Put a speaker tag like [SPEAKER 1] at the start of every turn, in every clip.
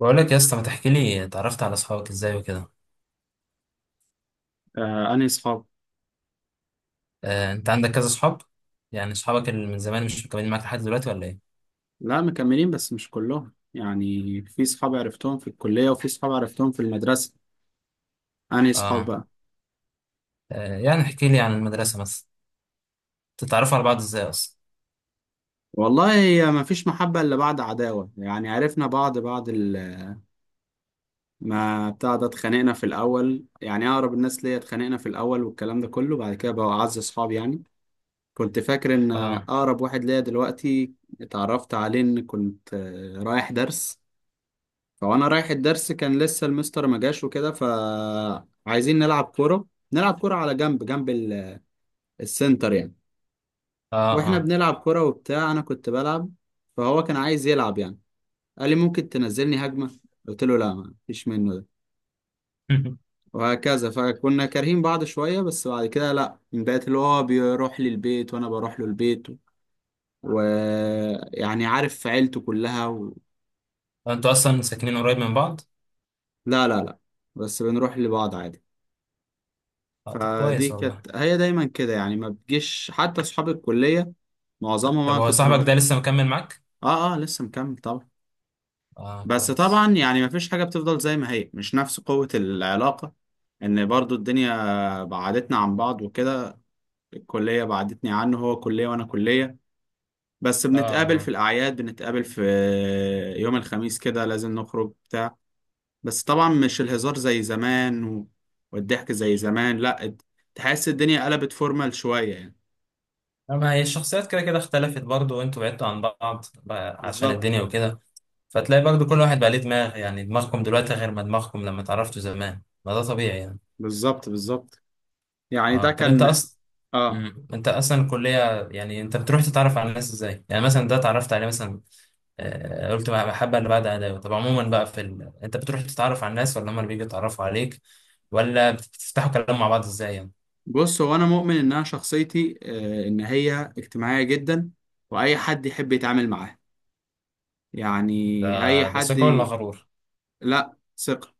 [SPEAKER 1] بقول لك يا اسطى، ما تحكي لي اتعرفت على اصحابك ازاي وكده.
[SPEAKER 2] آه، أنهي صحاب؟
[SPEAKER 1] انت عندك كذا اصحاب. يعني اصحابك اللي من زمان مش مكملين معاك لحد دلوقتي ولا ايه؟
[SPEAKER 2] لا مكملين، بس مش كلهم. يعني في صحاب عرفتهم في الكلية وفي صحاب عرفتهم في المدرسة. أنهي صحاب
[SPEAKER 1] اه.
[SPEAKER 2] بقى؟
[SPEAKER 1] يعني احكي لي عن المدرسه مثلا. تتعرفوا على بعض ازاي اصلا؟
[SPEAKER 2] والله هي ما فيش محبة إلا بعد عداوة، يعني عرفنا بعض بعد ما بتاع ده. اتخانقنا في الأول، يعني أقرب الناس ليا اتخانقنا في الأول والكلام ده كله، بعد كده بقوا أعز صحاب يعني. كنت فاكر إن
[SPEAKER 1] اه،
[SPEAKER 2] أقرب واحد ليا دلوقتي اتعرفت عليه إن كنت رايح درس. هو انا رايح الدرس، كان لسه المستر ما جاش وكده، فعايزين نلعب كوره. نلعب كوره على جنب، جنب السنتر يعني.
[SPEAKER 1] اه،
[SPEAKER 2] واحنا
[SPEAKER 1] اه.
[SPEAKER 2] بنلعب كوره وبتاع، انا كنت بلعب، فهو كان عايز يلعب يعني. قال لي ممكن تنزلني هجمه، قلت له لا ما فيش منه ده. وهكذا، فكنا كارهين بعض شويه، بس بعد كده لا، من بقيت اللي هو بيروح لي البيت وانا بروح له البيت، ويعني عارف عيلته كلها
[SPEAKER 1] انتوا اصلا ساكنين قريب من بعض؟
[SPEAKER 2] لا لا لا. بس بنروح لبعض عادي.
[SPEAKER 1] اه، طب
[SPEAKER 2] فدي
[SPEAKER 1] كويس والله.
[SPEAKER 2] كانت هي دايما كده يعني. ما بتجيش حتى اصحاب الكليه، معظمهم
[SPEAKER 1] طب
[SPEAKER 2] انا
[SPEAKER 1] هو
[SPEAKER 2] كنت
[SPEAKER 1] صاحبك ده لسه مكمل معاك؟
[SPEAKER 2] اه اه، لسه مكمل طبعا.
[SPEAKER 1] اه
[SPEAKER 2] بس
[SPEAKER 1] كويس.
[SPEAKER 2] طبعا يعني ما فيش حاجه بتفضل زي ما هي، مش نفس قوه العلاقه، ان برضو الدنيا بعدتنا عن بعض وكده. الكليه بعدتني عنه، هو كليه وانا كليه. بس
[SPEAKER 1] اه
[SPEAKER 2] بنتقابل في
[SPEAKER 1] اه.
[SPEAKER 2] الاعياد، بنتقابل في يوم الخميس كده لازم نخرج بتاع. بس طبعا مش الهزار زي زمان والضحك زي زمان لا. تحس الدنيا قلبت فورمال شويه يعني.
[SPEAKER 1] ما هي الشخصيات كده كده اختلفت برضو، وانتوا بعدتوا عن بعض بقى عشان
[SPEAKER 2] بالظبط
[SPEAKER 1] الدنيا وكده. فتلاقي برضو كل واحد بقى ليه دماغ، يعني دماغكم دلوقتي غير ما دماغكم لما اتعرفتوا زمان، ما ده طبيعي يعني.
[SPEAKER 2] بالظبط بالظبط. يعني ده
[SPEAKER 1] اه طب. انت
[SPEAKER 2] كان
[SPEAKER 1] اصلا
[SPEAKER 2] اه.
[SPEAKER 1] انت اصلا الكليه، يعني انت بتروح تتعرف على الناس ازاي؟ يعني مثلا ده اتعرفت عليه مثلا. قلت بحب اللي بعد اداء، طب عموما بقى في انت بتروح تتعرف على الناس ولا هم اللي بيجوا يتعرفوا عليك؟ ولا بتفتحوا كلام مع بعض ازاي يعني؟
[SPEAKER 2] بص، هو انا مؤمن ان انا شخصيتي آه، ان هي اجتماعيه جدا، واي حد يحب يتعامل معاه يعني.
[SPEAKER 1] ده
[SPEAKER 2] اي
[SPEAKER 1] ده
[SPEAKER 2] حد
[SPEAKER 1] ثقه ولا
[SPEAKER 2] ي-
[SPEAKER 1] غرور؟
[SPEAKER 2] لا، ثقه.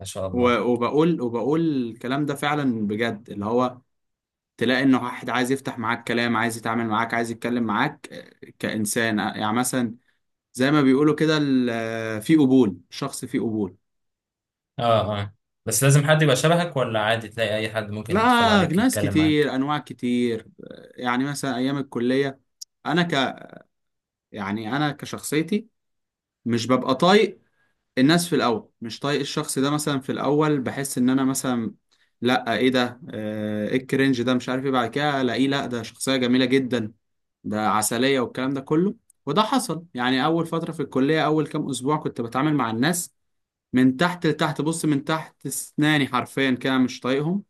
[SPEAKER 1] ما شاء الله.
[SPEAKER 2] وبقول وبقول الكلام ده فعلا بجد. اللي هو تلاقي ان واحد عايز يفتح معاك كلام، عايز يتعامل معاك، عايز يتكلم معاك كانسان. يعني مثلا زي ما بيقولوا كده في قبول، شخص فيه قبول.
[SPEAKER 1] اه اه. بس لازم حد يبقى شبهك، ولا عادي تلاقي اي حد ممكن يدخل
[SPEAKER 2] لا،
[SPEAKER 1] عليك
[SPEAKER 2] ناس
[SPEAKER 1] يتكلم
[SPEAKER 2] كتير،
[SPEAKER 1] معاك؟
[SPEAKER 2] انواع كتير. يعني مثلا ايام الكليه، انا ك يعني انا كشخصيتي مش ببقى طايق الناس في الاول. مش طايق الشخص ده مثلا في الاول، بحس ان انا مثلا لا، ايه ده، ايه الكرنج ده، مش عارف ايه. بعد كده الاقيه لا، ده شخصيه جميله جدا، ده عسليه والكلام ده كله. وده حصل يعني اول فتره في الكليه، اول كام اسبوع كنت بتعامل مع الناس من تحت لتحت. بص، من تحت اسناني حرفيا كده، مش طايقهم.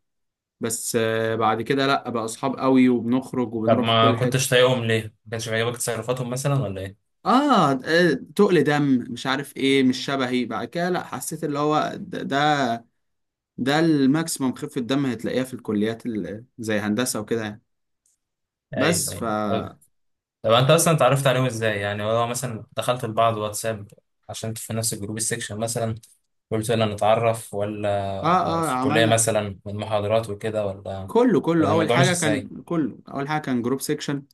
[SPEAKER 2] بس بعد كده لا، بقى اصحاب قوي وبنخرج
[SPEAKER 1] طب
[SPEAKER 2] وبنروح في
[SPEAKER 1] ما
[SPEAKER 2] كل
[SPEAKER 1] كنتش
[SPEAKER 2] حته.
[SPEAKER 1] طايقهم ليه؟ ما كانش بيعجبك تصرفاتهم مثلا ولا ايه؟
[SPEAKER 2] اه تقل دم، مش عارف ايه، مش شبهي. بعد كده لا، حسيت اللي هو ده الماكسيمم خفه دم هتلاقيها في الكليات زي هندسه وكده يعني.
[SPEAKER 1] ايوه
[SPEAKER 2] بس ف
[SPEAKER 1] ايوه طب.
[SPEAKER 2] اه.
[SPEAKER 1] طب انت اصلا اتعرفت عليهم ازاي؟ يعني هو مثلا دخلتوا لبعض واتساب عشان انتوا في نفس الجروب السكشن مثلا؟ قلت يلا نتعرف ولا؟
[SPEAKER 2] اه
[SPEAKER 1] في الكلية
[SPEAKER 2] عملنا.
[SPEAKER 1] مثلا من محاضرات وكده، ولا
[SPEAKER 2] كله كله
[SPEAKER 1] ولا
[SPEAKER 2] اول
[SPEAKER 1] الموضوع مش
[SPEAKER 2] حاجه
[SPEAKER 1] ازاي؟
[SPEAKER 2] كان كله اول حاجه كان جروب سيكشن.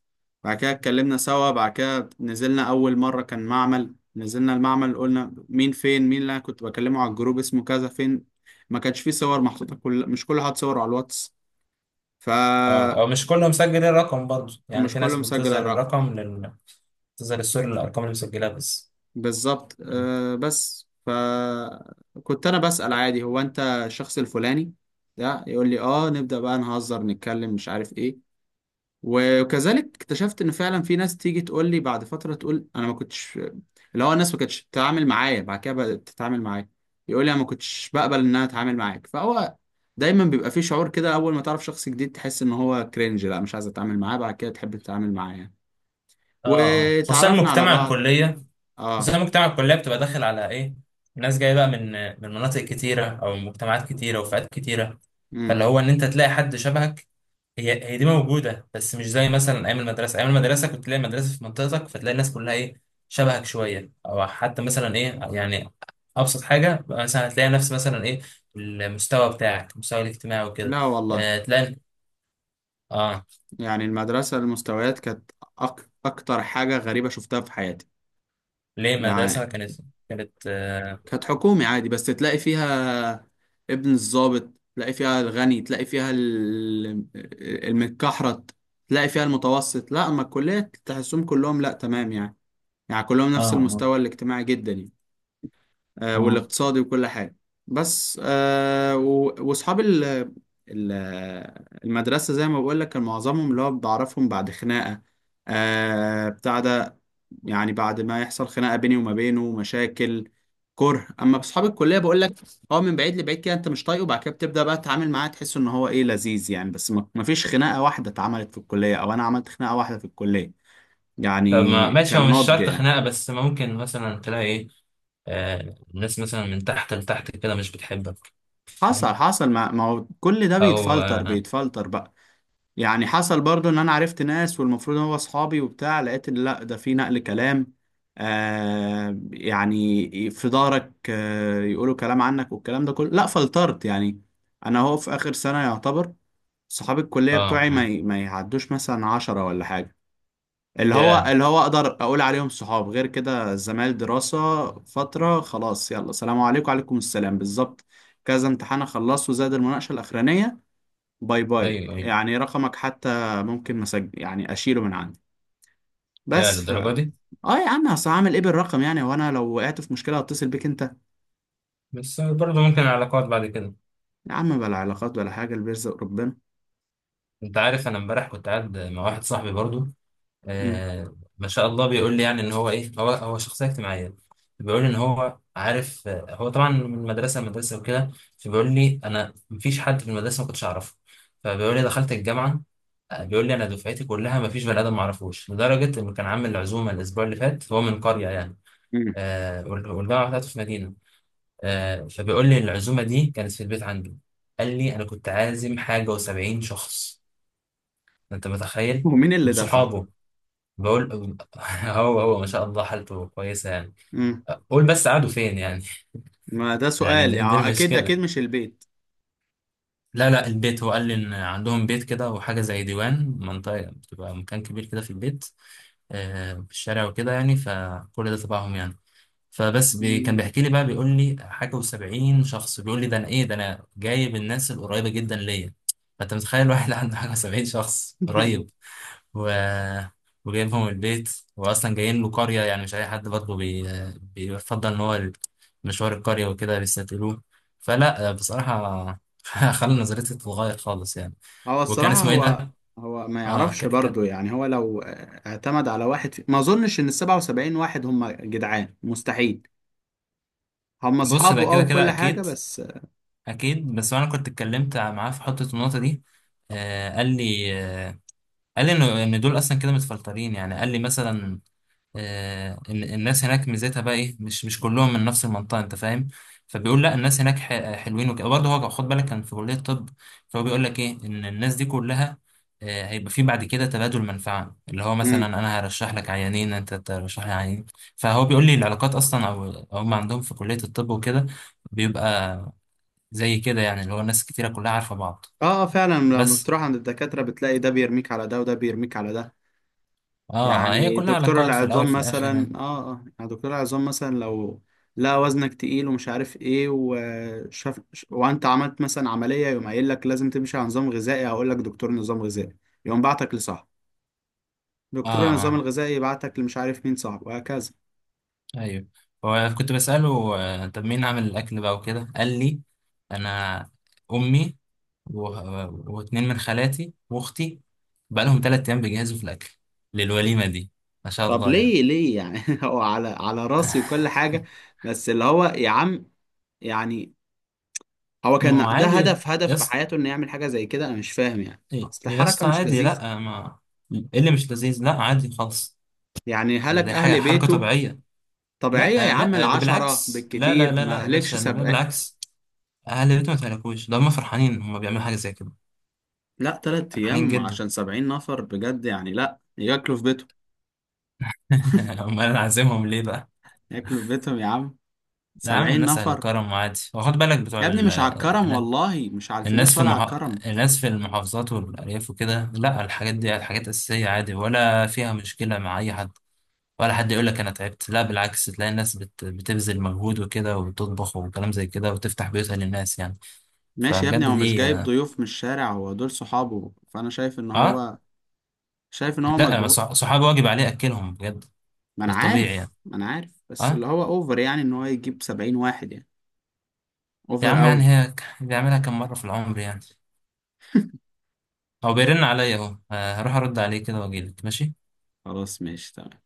[SPEAKER 2] بعد كده اتكلمنا سوا، بعد كده نزلنا أول مرة، كان معمل. نزلنا المعمل قلنا مين فين، مين اللي أنا كنت بكلمه على الجروب اسمه كذا فين. ما كانش فيه صور محطوطة، مش كل حد صور على الواتس،
[SPEAKER 1] اه،
[SPEAKER 2] فمش
[SPEAKER 1] أو مش كلهم مسجلين الرقم برضه، يعني في ناس
[SPEAKER 2] كله مسجل
[SPEAKER 1] بتظهر
[SPEAKER 2] الرقم.
[SPEAKER 1] الرقم بتظهر الصورة للأرقام اللي مسجلها بس.
[SPEAKER 2] بالظبط آه. بس فكنت أنا بسأل عادي، هو أنت الشخص الفلاني ده؟ يقول لي آه، نبدأ بقى نهزر، نتكلم مش عارف إيه. وكذلك اكتشفت ان فعلا في ناس تيجي تقول لي بعد فتره، تقول انا ما كنتش، اللي هو الناس ما كانتش بتتعامل معايا، بعد كده بدات تتعامل معايا. يقول لي انا ما كنتش بقبل ان انا اتعامل معاك. فهو دايما بيبقى في شعور كده، اول ما تعرف شخص جديد تحس ان هو كرنج، لا مش عايز اتعامل معاه، بعد كده تحب تتعامل معاه يعني.
[SPEAKER 1] اه اه، خصوصا
[SPEAKER 2] وتعرفنا على
[SPEAKER 1] مجتمع
[SPEAKER 2] بعض.
[SPEAKER 1] الكلية. بس انا
[SPEAKER 2] اه.
[SPEAKER 1] مجتمع الكليه بتبقى داخل على ايه؟ ناس جايه بقى من مناطق كتيره، او من مجتمعات كتيره وفئات كتيره.
[SPEAKER 2] امم.
[SPEAKER 1] فاللي هو ان انت تلاقي حد شبهك، هي دي موجوده، بس مش زي مثلا ايام المدرسه كنت تلاقي مدرسه في منطقتك، فتلاقي الناس كلها ايه، شبهك شويه، او حتى مثلا ايه يعني. ابسط حاجه مثلا هتلاقي نفس مثلا ايه، المستوى بتاعك، المستوى الاجتماعي وكده.
[SPEAKER 2] لا والله.
[SPEAKER 1] تلاقي. اه.
[SPEAKER 2] يعني المدرسه المستويات كانت اكتر حاجه غريبه شفتها في حياتي.
[SPEAKER 1] ليه
[SPEAKER 2] يعني
[SPEAKER 1] المدرسه كانت؟ كانت
[SPEAKER 2] كانت حكومي عادي، بس تلاقي فيها ابن الضابط، تلاقي فيها الغني، تلاقي فيها المتكحرت، تلاقي فيها المتوسط. لا اما الكلية تحسهم كلهم لا، تمام يعني. يعني كلهم نفس
[SPEAKER 1] اه
[SPEAKER 2] المستوى الاجتماعي جدا يعني،
[SPEAKER 1] اه.
[SPEAKER 2] والاقتصادي وكل حاجة. بس واصحاب ال- المدرسة زي ما بقول لك كان معظمهم اللي هو بعرفهم بعد خناقة بتاع ده. يعني بعد ما يحصل خناقة بيني وما بينه مشاكل، كره. اما بصحاب الكلية بقول لك، هو من بعيد لبعيد كده انت مش طايقه، وبعد كده بتبدأ بقى تتعامل معاه، تحس ان هو ايه، لذيذ يعني. بس ما فيش خناقة واحدة اتعملت في الكلية، او انا عملت خناقة واحدة في الكلية
[SPEAKER 1] طب ما
[SPEAKER 2] يعني.
[SPEAKER 1] ماشي، هو
[SPEAKER 2] كان
[SPEAKER 1] مش
[SPEAKER 2] ناضج
[SPEAKER 1] شرط
[SPEAKER 2] يعني.
[SPEAKER 1] خناقة، بس ممكن مثلا تلاقي ايه، الناس مثلا من تحت لتحت كده مش بتحبك.
[SPEAKER 2] حصل
[SPEAKER 1] فاهم؟
[SPEAKER 2] حصل. ما هو كل ده
[SPEAKER 1] او
[SPEAKER 2] بيتفلتر
[SPEAKER 1] اه.
[SPEAKER 2] بيتفلتر بقى. يعني حصل برضو ان انا عرفت ناس والمفروض هو اصحابي وبتاع، لقيت إن لا، ده في نقل كلام آه، يعني في ظهرك آه، يقولوا كلام عنك والكلام ده كله، لا فلترت يعني. انا هو في اخر سنة يعتبر صحاب الكلية
[SPEAKER 1] آه،
[SPEAKER 2] بتوعي
[SPEAKER 1] آه.
[SPEAKER 2] ما يعدوش مثلا 10 ولا حاجة. اللي هو
[SPEAKER 1] يا.
[SPEAKER 2] اللي هو اقدر اقول عليهم صحاب، غير كده زمايل دراسة فترة، خلاص يلا سلام عليكم وعليكم السلام، بالظبط. كذا امتحان اخلصه، زاد المناقشة الاخرانية، باي باي.
[SPEAKER 1] ايوه ايوه.
[SPEAKER 2] يعني رقمك حتى ممكن مسج يعني اشيله من عندي.
[SPEAKER 1] لا
[SPEAKER 2] بس ف
[SPEAKER 1] للدرجة دي.
[SPEAKER 2] اه. يا عم اصل هعمل ايه بالرقم يعني، وانا لو وقعت في مشكلة هتصل بيك انت.
[SPEAKER 1] بس برضه ممكن العلاقات بعد كده.
[SPEAKER 2] يا عم بلا علاقات ولا حاجة، اللي بيرزق ربنا.
[SPEAKER 1] انت عارف انا امبارح كنت قاعد مع واحد صاحبي برضه.
[SPEAKER 2] مم.
[SPEAKER 1] ما شاء الله، بيقول لي يعني ان هو ايه، هو شخصية اجتماعية. بيقول لي ان هو عارف، هو طبعا من مدرسة لمدرسة وكده. فبيقول لي انا مفيش حد في المدرسة ما كنتش اعرفه. فبيقول لي دخلت الجامعة. بيقول لي انا دفعتي كلها ما فيش بني ادم ما اعرفوش، لدرجه انه كان عامل عزومه الاسبوع اللي فات. هو من قريه يعني،
[SPEAKER 2] مم.
[SPEAKER 1] والجامعه بتاعته في مدينه. فبيقول لي العزومه دي كانت في البيت عنده. قال لي انا كنت عازم حاجه و70 شخص. انت متخيل؟
[SPEAKER 2] ومين
[SPEAKER 1] من
[SPEAKER 2] اللي دفع؟
[SPEAKER 1] صحابه. بقول هو ما شاء الله حالته كويسه يعني.
[SPEAKER 2] مم.
[SPEAKER 1] قول بس قعدوا فين يعني.
[SPEAKER 2] ما ده
[SPEAKER 1] يعني
[SPEAKER 2] سؤال
[SPEAKER 1] دي
[SPEAKER 2] يعني، اكيد اكيد
[SPEAKER 1] المشكله.
[SPEAKER 2] مش البيت.
[SPEAKER 1] لا لا، البيت. هو قال لي ان عندهم بيت كده، وحاجه زي ديوان منطقه بتبقى مكان كبير كده في البيت. في الشارع وكده يعني، فكل ده تبعهم يعني. فبس كان
[SPEAKER 2] مم.
[SPEAKER 1] بيحكي لي بقى، بيقول لي حاجة وسبعين شخص. بيقول لي ده أنا إيه ده، أنا جايب الناس القريبة جدا ليا. فأنت متخيل واحد عنده حاجة وسبعين شخص قريب، و... وجايبهم البيت. وأصلا جايين له قرية، يعني مش أي حد برضه بيفضل إن هو مشوار القرية وكده بيستقبلوه. فلا بصراحة خلى نظرتي تتغير خالص يعني.
[SPEAKER 2] هو
[SPEAKER 1] وكان
[SPEAKER 2] الصراحة
[SPEAKER 1] اسمه إيه
[SPEAKER 2] هو،
[SPEAKER 1] ده؟
[SPEAKER 2] هو ما يعرفش
[SPEAKER 1] كان.
[SPEAKER 2] برضه يعني. هو لو اعتمد على واحد ما اظنش ان ال 77 واحد هم جدعان، مستحيل. هم
[SPEAKER 1] بص
[SPEAKER 2] اصحابه
[SPEAKER 1] بقى
[SPEAKER 2] اه
[SPEAKER 1] كده كده
[SPEAKER 2] وكل حاجة
[SPEAKER 1] أكيد.
[SPEAKER 2] بس.
[SPEAKER 1] اكيد، بس انا كنت اتكلمت معاه في حته النقطه دي. قال لي آه، قال لي انه ان دول اصلا كده متفلترين يعني. قال لي مثلا ان الناس هناك ميزتها بقى ايه، مش كلهم من نفس المنطقه، انت فاهم. فبيقول لا، الناس هناك حلوين وكده برضه. هو خد بالك كان في كليه طب. فهو بيقول لك ايه، ان الناس دي كلها هيبقى في بعد كده تبادل منفعة، اللي هو مثلا
[SPEAKER 2] امم.
[SPEAKER 1] انا هرشح لك عيانين، انت ترشح لي عيانين. فهو بيقول لي العلاقات اصلا، او هم عندهم في كلية الطب وكده، بيبقى زي كده يعني، اللي هو ناس كتيرة كلها عارفة بعض.
[SPEAKER 2] اه فعلا لما
[SPEAKER 1] بس
[SPEAKER 2] تروح عند الدكاترة بتلاقي ده بيرميك على ده وده بيرميك على ده.
[SPEAKER 1] اه اه، هي
[SPEAKER 2] يعني
[SPEAKER 1] كلها
[SPEAKER 2] دكتور
[SPEAKER 1] علاقات في الأول
[SPEAKER 2] العظام
[SPEAKER 1] في الآخر
[SPEAKER 2] مثلا
[SPEAKER 1] يعني.
[SPEAKER 2] اه اه، يعني دكتور العظام مثلا لو لا وزنك تقيل ومش عارف ايه، وشاف وانت عملت مثلا عملية، يقوم قايل لك لازم تمشي على نظام غذائي. هقول لك دكتور نظام غذائي، يقوم بعتك لصاحب.
[SPEAKER 1] اه
[SPEAKER 2] دكتور النظام
[SPEAKER 1] اه
[SPEAKER 2] الغذائي يبعتك لمش عارف مين صاحبه، وهكذا.
[SPEAKER 1] أيوه. هو كنت بسأله طب مين عامل الأكل بقى وكده. قال لي أنا، أمي، و... واتنين من خالاتي وأختي. بقى لهم 3 أيام بيجهزوا في الأكل للوليمة دي. ما شاء
[SPEAKER 2] طب
[SPEAKER 1] الله يعني.
[SPEAKER 2] ليه ليه يعني هو على على راسي وكل حاجة. بس اللي هو يا عم يعني، هو
[SPEAKER 1] ما هو
[SPEAKER 2] كان ده
[SPEAKER 1] عادي
[SPEAKER 2] هدف،
[SPEAKER 1] يا
[SPEAKER 2] هدف في
[SPEAKER 1] اسطى.
[SPEAKER 2] حياته انه يعمل حاجة زي كده؟ انا مش فاهم يعني، اصل
[SPEAKER 1] يا
[SPEAKER 2] حركة
[SPEAKER 1] اسطى
[SPEAKER 2] مش
[SPEAKER 1] عادي،
[SPEAKER 2] لذيذة.
[SPEAKER 1] لأ، ما إيه اللي مش لذيذ، لأ عادي خالص.
[SPEAKER 2] يعني
[SPEAKER 1] ده
[SPEAKER 2] هلك
[SPEAKER 1] دي حاجة،
[SPEAKER 2] اهل
[SPEAKER 1] حركة
[SPEAKER 2] بيته.
[SPEAKER 1] طبيعية.
[SPEAKER 2] طبيعية يا
[SPEAKER 1] لا
[SPEAKER 2] عم
[SPEAKER 1] لا ده
[SPEAKER 2] العشرة
[SPEAKER 1] بالعكس، لا لا
[SPEAKER 2] بالكتير،
[SPEAKER 1] لا لا
[SPEAKER 2] ما
[SPEAKER 1] يا باشا،
[SPEAKER 2] هلكش
[SPEAKER 1] لا لا،
[SPEAKER 2] سبع.
[SPEAKER 1] بالعكس. اهل البيت ما تهلكوش، ده هم فرحانين، هم بيعملوا حاجه زي كده.
[SPEAKER 2] لا تلات
[SPEAKER 1] فرحانين
[SPEAKER 2] ايام
[SPEAKER 1] جدا.
[SPEAKER 2] عشان 70 نفر بجد يعني، لا ياكلوا في بيتهم.
[SPEAKER 1] امال انا عازمهم ليه بقى.
[SPEAKER 2] ياكلوا في بيتهم يا عم،
[SPEAKER 1] لا يا عم،
[SPEAKER 2] 70
[SPEAKER 1] الناس اهل
[SPEAKER 2] نفر.
[SPEAKER 1] كرم، وعادي، وخد بالك بتوع
[SPEAKER 2] يا ابني مش على الكرم، والله مش على
[SPEAKER 1] الناس
[SPEAKER 2] الفلوس
[SPEAKER 1] في
[SPEAKER 2] ولا على
[SPEAKER 1] المح...
[SPEAKER 2] الكرم.
[SPEAKER 1] الناس في المحافظات والارياف وكده. لا الحاجات دي حاجات اساسيه عادي، ولا فيها مشكله مع اي حد. ولا حد يقول لك انا تعبت، لا بالعكس تلاقي الناس بتبذل مجهود وكده، وبتطبخ، وكلام زي كده، وتفتح بيوتها للناس يعني.
[SPEAKER 2] ماشي يا ابني،
[SPEAKER 1] فبجد
[SPEAKER 2] هو مش
[SPEAKER 1] دي.
[SPEAKER 2] جايب ضيوف من الشارع، هو دول صحابه. فانا شايف ان
[SPEAKER 1] اه.
[SPEAKER 2] هو، شايف ان هو
[SPEAKER 1] لا أنا
[SPEAKER 2] مجهول.
[SPEAKER 1] صحابي واجب عليه اكلهم بجد.
[SPEAKER 2] ما انا
[SPEAKER 1] ده طبيعي يعني.
[SPEAKER 2] عارف ما انا عارف، بس
[SPEAKER 1] اه.
[SPEAKER 2] اللي هو اوفر يعني ان هو يجيب 70 واحد يعني.
[SPEAKER 1] يا
[SPEAKER 2] اوفر
[SPEAKER 1] عم يعني،
[SPEAKER 2] قوي.
[SPEAKER 1] هي بيعملها كم مره في العمر يعني. هو بيرن عليا اهو، هروح ارد عليه كده واجيلك ماشي.
[SPEAKER 2] خلاص ماشي تمام.